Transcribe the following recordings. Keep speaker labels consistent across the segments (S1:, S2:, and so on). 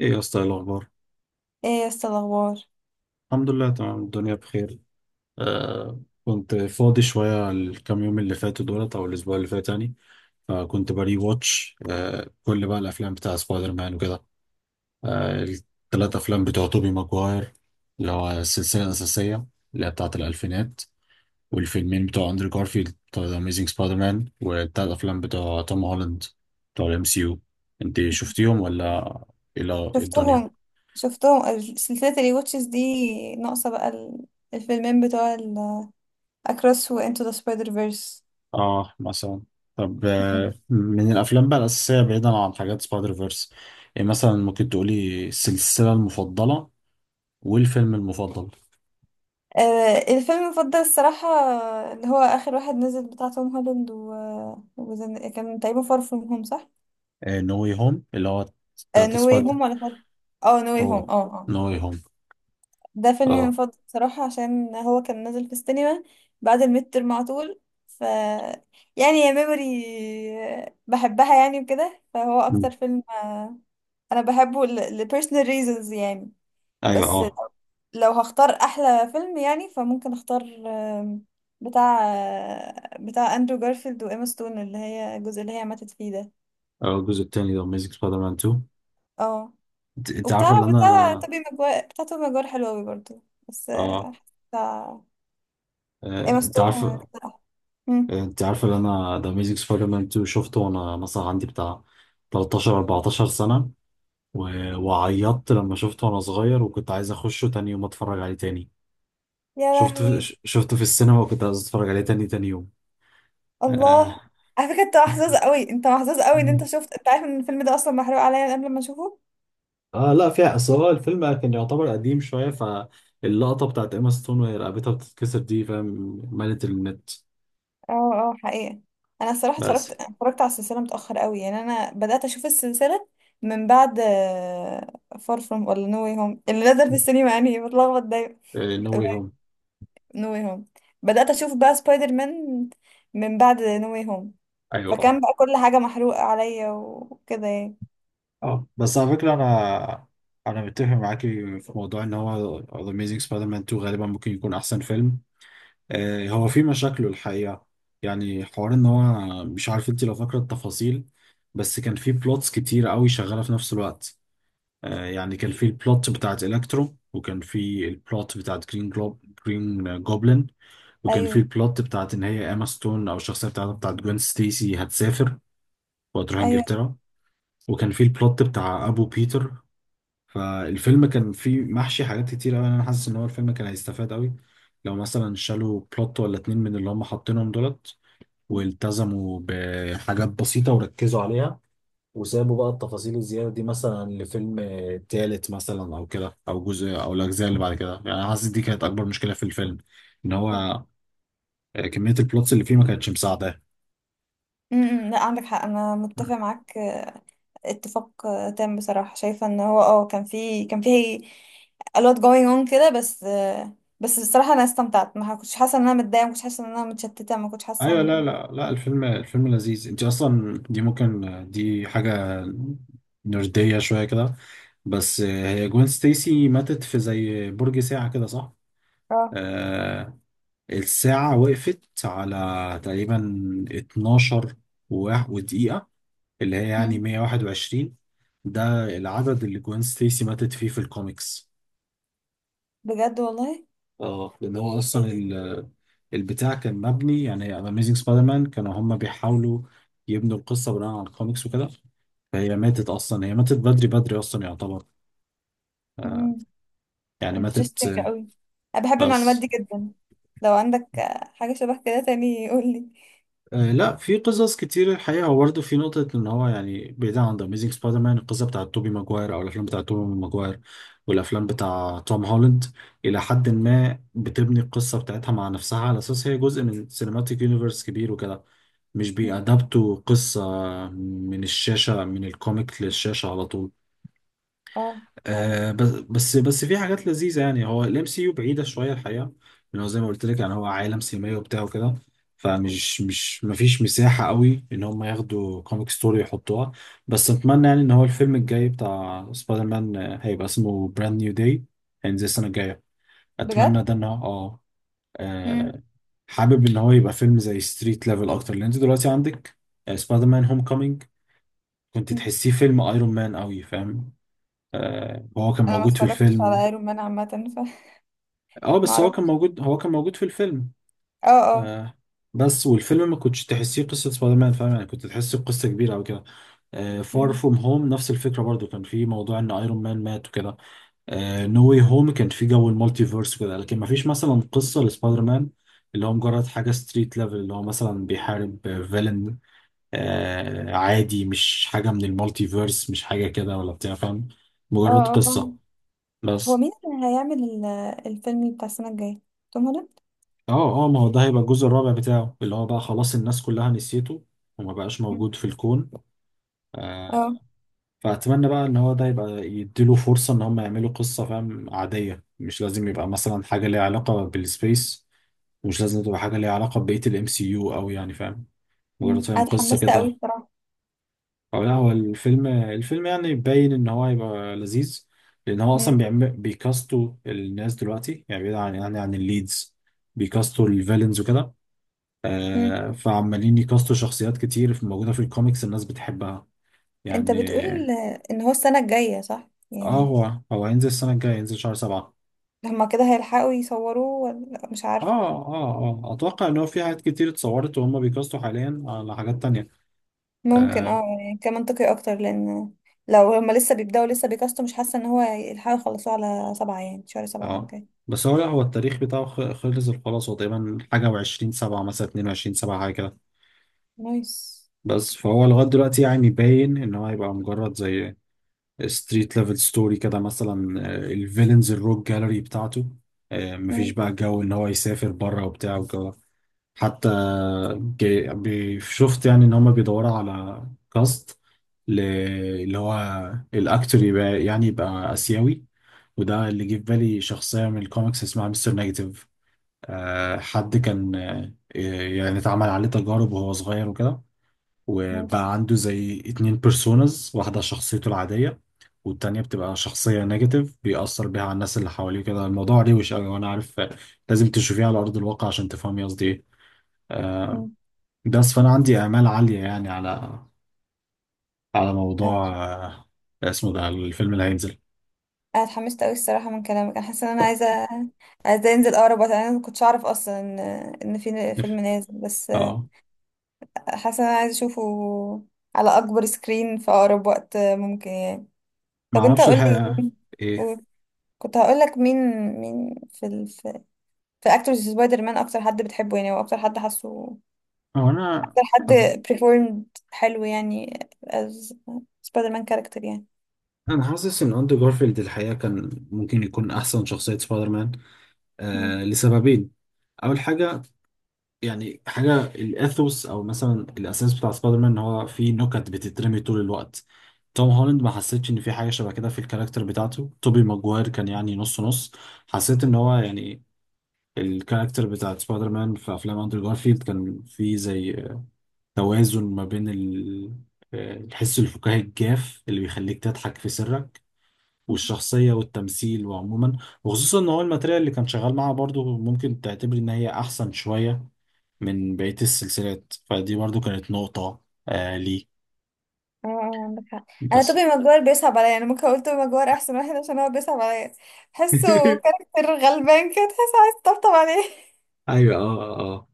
S1: ايه يا اسطى؟ إيه الاخبار؟
S2: ايه يس الاخبار؟
S1: الحمد لله، تمام، الدنيا بخير. آه. كنت فاضي شويه الكام يوم اللي فاتوا دولت او الاسبوع اللي فات يعني. فكنت بري واتش كل بقى الافلام بتاع سبايدر مان وكده. الثلاث افلام بتوع توبي ماجواير، اللي هو السلسله الاساسيه، اللي هي بتاعه الالفينات، والفيلمين بتوع اندرو جارفيلد بتوع ذا اميزنج سبايدر مان، والثلاث افلام بتوع توم هولاند، بتوع الام سي يو. انت شفتيهم ولا؟ إيه الدنيا؟
S2: شفتهم شفتهم سلسلة الواتشز دي ناقصة بقى الفيلمين بتوع اكروس وانتو ذا سبايدر فيرس.
S1: اه مثلا. طب، من الافلام بقى الاساسيه بعيدا عن حاجات سبايدر فيرس، يعني مثلا ممكن تقولي السلسله المفضله والفيلم المفضل.
S2: الفيلم المفضل الصراحة، اللي هو آخر واحد نزل بتاع توم هولاند كان تقريبا فار فروم هوم، صح؟
S1: نو واي هوم اللي هو التلاتة
S2: نو واي
S1: سبايدر.
S2: هوم ولا فار؟ اه، نو واي
S1: اه،
S2: هوم. اه.
S1: نو واي هوم،
S2: ده فيلمي
S1: اه.
S2: المفضل بصراحة، عشان هو كان نازل في السينما بعد الميد ترم على طول. ف يعني يا ميموري، بحبها يعني وكده، فهو
S1: مم.
S2: أكتر فيلم أنا بحبه ل personal reasons يعني.
S1: ايوه،
S2: بس
S1: اه.
S2: لو هختار أحلى فيلم يعني، فممكن أختار آم، بتاع آه، بتاع أندرو جارفيلد وإيما ستون، اللي هي الجزء اللي هي ماتت فيه ده.
S1: الجزء التاني ده اميزنج سبايدر مان 2.
S2: اه.
S1: انت
S2: وبتاع
S1: عارفه اللي
S2: بتاع
S1: انا.
S2: توبي ماجواير، بتاع توبي ماجواير حلو أوي برضه. بس،
S1: اه.
S2: بتاع إيما
S1: انت
S2: ستون.
S1: عارفه.
S2: مم.
S1: انت عارفه اللي انا، ده اميزنج سبايدر مان 2 شفته وانا مثلا عندي بتاع 13 14 سنه. و- وعيطت لما شفته وانا صغير، وكنت عايز اخشه تاني يوم اتفرج عليه تاني.
S2: يا لهوي.
S1: شفته في السينما وكنت عايز اتفرج عليه تاني تاني يوم.
S2: الله.
S1: اه.
S2: على فكرة، انت محظوظ قوي، انت محظوظ قوي ان انت شفت. انت عارف ان الفيلم ده اصلا محروق عليا قبل ما اشوفه.
S1: لا، فيها اصل، هو الفيلم كان يعتبر قديم شوية، فاللقطة بتاعت ايما ستون وهي رقبتها بتتكسر دي، فاهم، مالت النت.
S2: اه، اه، حقيقة. انا الصراحة
S1: بس
S2: اتفرجت اتفرجت على السلسلة متأخر قوي. يعني انا بدأت اشوف السلسلة من بعد فار فروم ولا نو واي هوم اللي نزل في السينما، يعني بتلخبط دايما.
S1: نو واي هوم.
S2: نو واي هوم. بدأت اشوف بقى سبايدر مان من بعد نو واي هوم.
S1: ايوه
S2: فكان
S1: اه.
S2: بقى كل حاجة محروقة عليا وكده يعني.
S1: اه بس على فكرة انا، انا متفق معاكي في موضوع ان هو The Amazing Spider-Man 2 غالبا ممكن يكون احسن فيلم. هو في مشاكله الحقيقة، يعني حوار ان هو، مش عارف انت لو فاكرة التفاصيل، بس كان في بلوتس كتير قوي شغالة في نفس الوقت. يعني كان في البلوت بتاعت الكترو، وكان في البلوت بتاعت جرين جلوب جرين جوبلin، وكان في
S2: ايوه،
S1: البلوت بتاعت ان هي اما ستون او الشخصية بتاعتها بتاعت جوين ستيسي هتسافر وهتروح
S2: ايوه،
S1: انجلترا، وكان في البلوت بتاع ابو بيتر. فالفيلم كان فيه محشي حاجات كتير قوي. انا حاسس ان هو الفيلم كان هيستفاد قوي لو مثلا شالوا بلوت ولا اتنين من اللي هم حاطينهم دولت، والتزموا بحاجات بسيطة وركزوا عليها، وسابوا بقى التفاصيل الزيادة دي مثلا لفيلم تالت مثلا، أو كده، أو جزء أو الأجزاء اللي بعد كده. يعني أنا حاسس دي كانت أكبر مشكلة في الفيلم، إن
S2: صح.
S1: هو كمية البلوتس اللي فيه ما كانتش مساعدة.
S2: لا، عندك حق، انا متفق معاك. اتفاق تام. بصراحة شايفة ان هو كان في a lot going on كده. بس بصراحة انا استمتعت، ما كنتش حاسة ان انا متضايقة، ما كنتش حاسة ان انا متشتتة، ما كنتش حاسة
S1: ايوه. لا
S2: ان...
S1: لا لا الفيلم لذيذ، انت اصلا دي ممكن، دي حاجه نرديه شويه كده. بس هي جوين ستيسي ماتت في زي برج ساعه كده، صح؟
S2: اه.
S1: آه. الساعه وقفت على تقريبا 12 و- ودقيقه، اللي هي يعني
S2: مم.
S1: 121. ده العدد اللي جوين ستيسي ماتت فيه في الكوميكس.
S2: بجد، والله؟
S1: اه، لان هو
S2: ايه
S1: اصلا
S2: ده.
S1: البتاع كان مبني، يعني اميزنج سبايدر مان كانوا هم بيحاولوا يبنوا القصه بناء على الكوميكس وكده. فهي ماتت اصلا، هي ماتت بدري بدري اصلا يعتبر. آه،
S2: مم.
S1: يعني ماتت.
S2: interesting قوي. انا بحب المعلومات
S1: بس.
S2: دي جدا. لو عندك حاجة شبه كده تاني، قولي.
S1: لا، في قصص كتير الحقيقه. هو برضه في نقطه ان هو يعني، بعيد عن ذا اميزنج سبايدر مان، القصه بتاعت توبي ماجواير او الافلام بتاعت توبي ماجواير والافلام بتاع توم هولاند، الى حد ما بتبني القصه بتاعتها مع نفسها على اساس هي جزء من سينماتيك يونيفرس كبير وكده، مش
S2: مم.
S1: بيأدبتوا قصة من الشاشة، من الكوميك للشاشة على طول.
S2: اه، حقيقي.
S1: بس في حاجات لذيذة. يعني هو الام سي يو بعيدة شوية الحقيقة، لأن هو زي ما قلت لك، يعني هو عالم سينمائي وبتاع وكده، فمش مش مفيش مساحة قوي إن هم ياخدوا كوميك ستوري يحطوها. بس أتمنى يعني إن هو الفيلم الجاي بتاع سبايدر مان، هيبقى اسمه براند نيو داي، هينزل السنة الجاية،
S2: بجد.
S1: أتمنى ده إن هو.
S2: مم.
S1: آه، حابب ان هو يبقى فيلم زي ستريت ليفل اكتر، لان انت دلوقتي عندك، سبايدر مان هوم كومينج، كنت
S2: مم.
S1: تحسيه فيلم ايرون مان قوي، فاهم؟ هو كان
S2: انا ما
S1: موجود في
S2: اتفرجتش على
S1: الفيلم.
S2: ايرون مان عامة، فما...
S1: اه، بس هو كان
S2: اعرفش.
S1: موجود، هو كان موجود في الفيلم.
S2: اه، اه.
S1: آه، بس والفيلم ما كنتش تحسيه قصة سبايدر مان، فاهم يعني؟ كنت تحسه قصة كبيرة او كده. آه، فار
S2: مم.
S1: فروم هوم نفس الفكرة برضو، كان في موضوع ان ايرون مان مات وكده. نو واي هوم كان في جو المالتيفيرس كده، لكن ما فيش مثلا قصه لسبايدر مان اللي هو مجرد حاجه ستريت ليفل، اللي هو مثلا بيحارب فيلن آه عادي، مش حاجه من المالتيفيرس، مش حاجه كده ولا بتاع، فاهم؟
S2: اه،
S1: مجرد
S2: اه،
S1: قصه.
S2: فاهمة. هو
S1: بس.
S2: مين اللي هيعمل الفيلم بتاع السنة الجاية؟ توم هولاند؟
S1: اه اه، ما هو ده هيبقى الجزء الرابع بتاعه اللي هو بقى خلاص الناس كلها نسيته، وما بقاش
S2: مم.
S1: موجود في الكون. آه.
S2: اه.
S1: فأتمنى بقى إن هو ده يبقى يديله فرصة إن هم يعملوا قصة، فاهم، عادية، مش لازم يبقى مثلا حاجة ليها علاقة بالسبيس، ومش لازم تبقى حاجة ليها علاقة ببقية الام سي يو أوي، يعني فاهم، مجرد
S2: مم.
S1: فاهم
S2: انا
S1: قصة
S2: اتحمست قوي
S1: كده.
S2: بصراحة.
S1: أو لا، هو الفيلم يعني باين إن هو هيبقى لذيذ، لأن هو أصلا
S2: مم.
S1: بيعمل، بيكاستوا الناس دلوقتي يعني، بعيد عن يعني عن الليدز، بيكاستوا الفيلنز وكده.
S2: مم.
S1: آه، فعمالين يكاستوا شخصيات كتير موجودة في الكوميكس الناس بتحبها
S2: انت
S1: يعني.
S2: بتقول ان هو السنة الجاية، صح
S1: اه،
S2: يعني؟
S1: هو هينزل السنة الجاية، هينزل شهر سبعة.
S2: هما كده هيلحقوا يصوروه ولا مش عارف؟
S1: اه، اتوقع ان هو في حاجات كتير اتصورت، وهم بيكاستوا حاليا على حاجات تانية.
S2: ممكن،
S1: اه
S2: يعني كان منطقي اكتر، لان لو هما لسه بيبدأوا لسه بيكاستوا، مش حاسة ان هو يلحقوا يخلصوه على 7، يعني شهر 7
S1: اه.
S2: الجاي.
S1: بس هو لا هو التاريخ بتاعه خلص خلاص، هو تقريبا حاجة وعشرين سبعة مثلا، اتنين وعشرين سبعة حاجة كده.
S2: نايس.
S1: بس فهو لغاية دلوقتي يعني باين ان هو هيبقى مجرد زي ستريت ليفل ستوري كده، مثلا الفيلنز الروك جاليري بتاعته، مفيش
S2: مم.
S1: بقى جو ان هو يسافر بره وبتاع والجو. حتى شفت يعني ان هما بيدوروا على كاست ل- اللي هو الاكتور يبقى يعني يبقى اسيوي. وده اللي جه في بالي شخصيه من الكوميكس اسمها مستر نيجاتيف، حد كان، يعني اتعمل عليه تجارب وهو صغير وكده،
S2: ماشي.
S1: وبقى عنده زي اتنين بيرسونز، واحده شخصيته العاديه، والتانية بتبقى شخصية نيجاتيف بيأثر بيها على الناس اللي حواليه كده. الموضوع روش أوي وأنا عارف لازم تشوفيه على أرض الواقع عشان تفهمي قصدي إيه. آه،
S2: مم.
S1: بس فانا عندي امال عاليه يعني على موضوع اسمه ده الفيلم اللي هينزل.
S2: انا اتحمست قوي الصراحه من كلامك. انا حاسه ان انا عايزه عايزه انزل اقرب وقت. انا ما كنتش اعرف اصلا ان في فيلم نازل بس.
S1: اه،
S2: حاسه ان انا عايزه اشوفه على اكبر سكرين في اقرب وقت ممكن يعني.
S1: ما
S2: طب انت
S1: اعرفش
S2: قول لي.
S1: الحقيقه. ايه؟
S2: قول. كنت هقول لك مين. مين في اكتورز سبايدر مان، اكتر حد بتحبه يعني، واكتر حد حاسه
S1: هو انا
S2: اكتر حد
S1: حب...
S2: performed حلو يعني as سبايدر مان كاركتر يعني.
S1: انا حاسس ان اندرو جارفيلد الحقيقه كان ممكن يكون احسن شخصيه سبايدر مان، لسببين. اول حاجه، يعني حاجه الاثوس او مثلا الاساس بتاع سبايدر مان، ان هو في نكت بتترمي طول الوقت. توم هولاند ما حسيتش ان في حاجه شبه كده في الكاركتر بتاعته. توبي ماجواير كان يعني نص نص، حسيت ان هو يعني، الكاركتر بتاعت سبايدر مان في افلام اندرو جارفيلد كان في زي توازن ما بين الحس الفكاهي الجاف اللي بيخليك تضحك في سرك، والشخصية والتمثيل وعموما. وخصوصا ان هو الماتريال اللي كان شغال معاها برضو ممكن تعتبر ان هي احسن شوية من بقية السلسلات، فدي برضو كانت نقطة لي.
S2: اه، اه، عندك حق. انا
S1: بس
S2: توبي ماجوار بيصعب عليا، انا ممكن اقول توبي ماجوار احسن واحد عشان هو بيصعب عليا. تحسه كاركتر غلبان كده، تحس عايز تطبطب عليه.
S1: ايوه اه اه.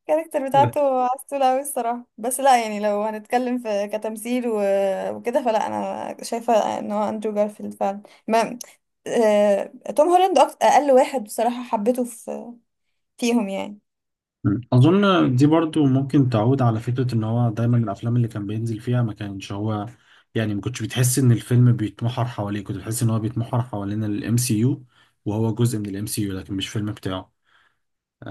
S2: الكاركتر بتاعته عسولة أوي الصراحة. بس لا يعني، لو هنتكلم في كتمثيل وكده، فلا، أنا شايفة إن هو أندرو جارفيلد فعلا. ما آه... توم هولاند أقل واحد بصراحة حبيته فيهم يعني.
S1: مم. أظن دي برضو ممكن تعود على فكرة إن هو دايما الأفلام اللي كان بينزل فيها ما كانش هو، يعني ما كنتش بتحس إن الفيلم بيتمحور حواليه، كنت بتحس إن هو بيتمحور حوالين الام سي يو، وهو جزء من الام سي يو لكن مش فيلم بتاعه.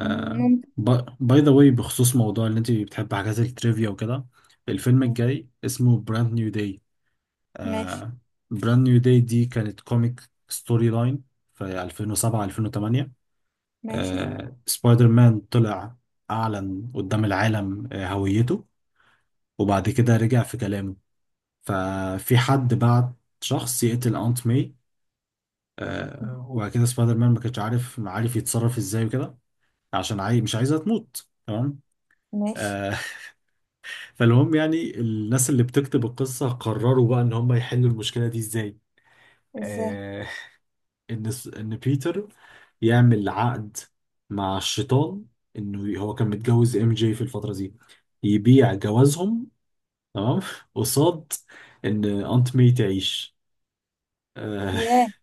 S2: مم، ممكن.
S1: باي ذا واي، بخصوص موضوع إن أنت بتحب حاجات التريفيا وكده، الفيلم
S2: مم،
S1: الجاي اسمه براند نيو داي.
S2: ماشي.
S1: براند نيو داي دي كانت كوميك ستوري لاين في 2007 2008.
S2: ماشي.
S1: سبايدر مان طلع أعلن قدام العالم هويته، وبعد كده رجع في كلامه. ففي حد بعت شخص يقتل أنت ماي، وبعد كده سبايدر مان ما كانش عارف يتصرف ازاي وكده، عشان عاي... مش عايزها تموت، تمام؟
S2: ماشي.
S1: آه، فالمهم يعني الناس اللي بتكتب القصة قرروا بقى إن هم يحلوا المشكلة دي ازاي.
S2: ازاي؟
S1: آه، ان بيتر يعمل عقد مع الشيطان، انه هو كان متجوز ام جي في الفتره دي، يبيع جوازهم، تمام، قصاد ان انت مي تعيش. آه،
S2: ياه.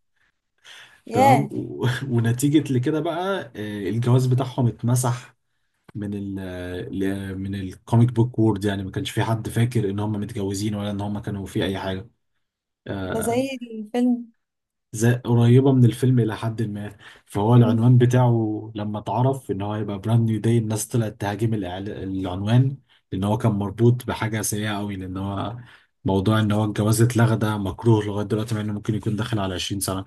S1: تمام،
S2: ياه.
S1: و- ونتيجه لكده بقى الجواز بتاعهم اتمسح من من الكوميك بوك وورد، يعني ما كانش في حد فاكر ان هم متجوزين ولا ان هم كانوا في اي حاجه.
S2: ده زي
S1: آه،
S2: الفيلم.
S1: زي قريبة من الفيلم إلى حد ما. فهو العنوان بتاعه لما اتعرف إن هو هيبقى براند نيو داي، الناس طلعت تهاجم العنوان، لأن هو كان مربوط بحاجة سيئة أوي، لأن هو موضوع إن هو الجواز اتلغى ده مكروه لغاية دلوقتي، مع إنه ممكن يكون داخل على 20 سنة.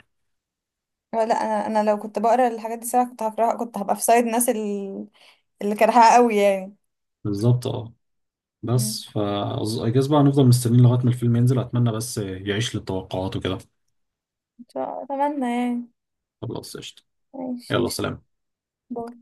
S2: لا، انا لو كنت بقرا الحاجات دي ساعة كنت هكرهها، كنت هبقى في سايد ناس اللي كرهها قوي يعني.
S1: بالظبط أه.
S2: مم.
S1: بس فا I guess بقى هنفضل مستنيين لغاية ما الفيلم ينزل، أتمنى بس يعيش للتوقعات وكده.
S2: ان شاء الله، اتمنى يعني.
S1: خلاص قشطة.
S2: ماشي.
S1: يلا سلام.
S2: باي.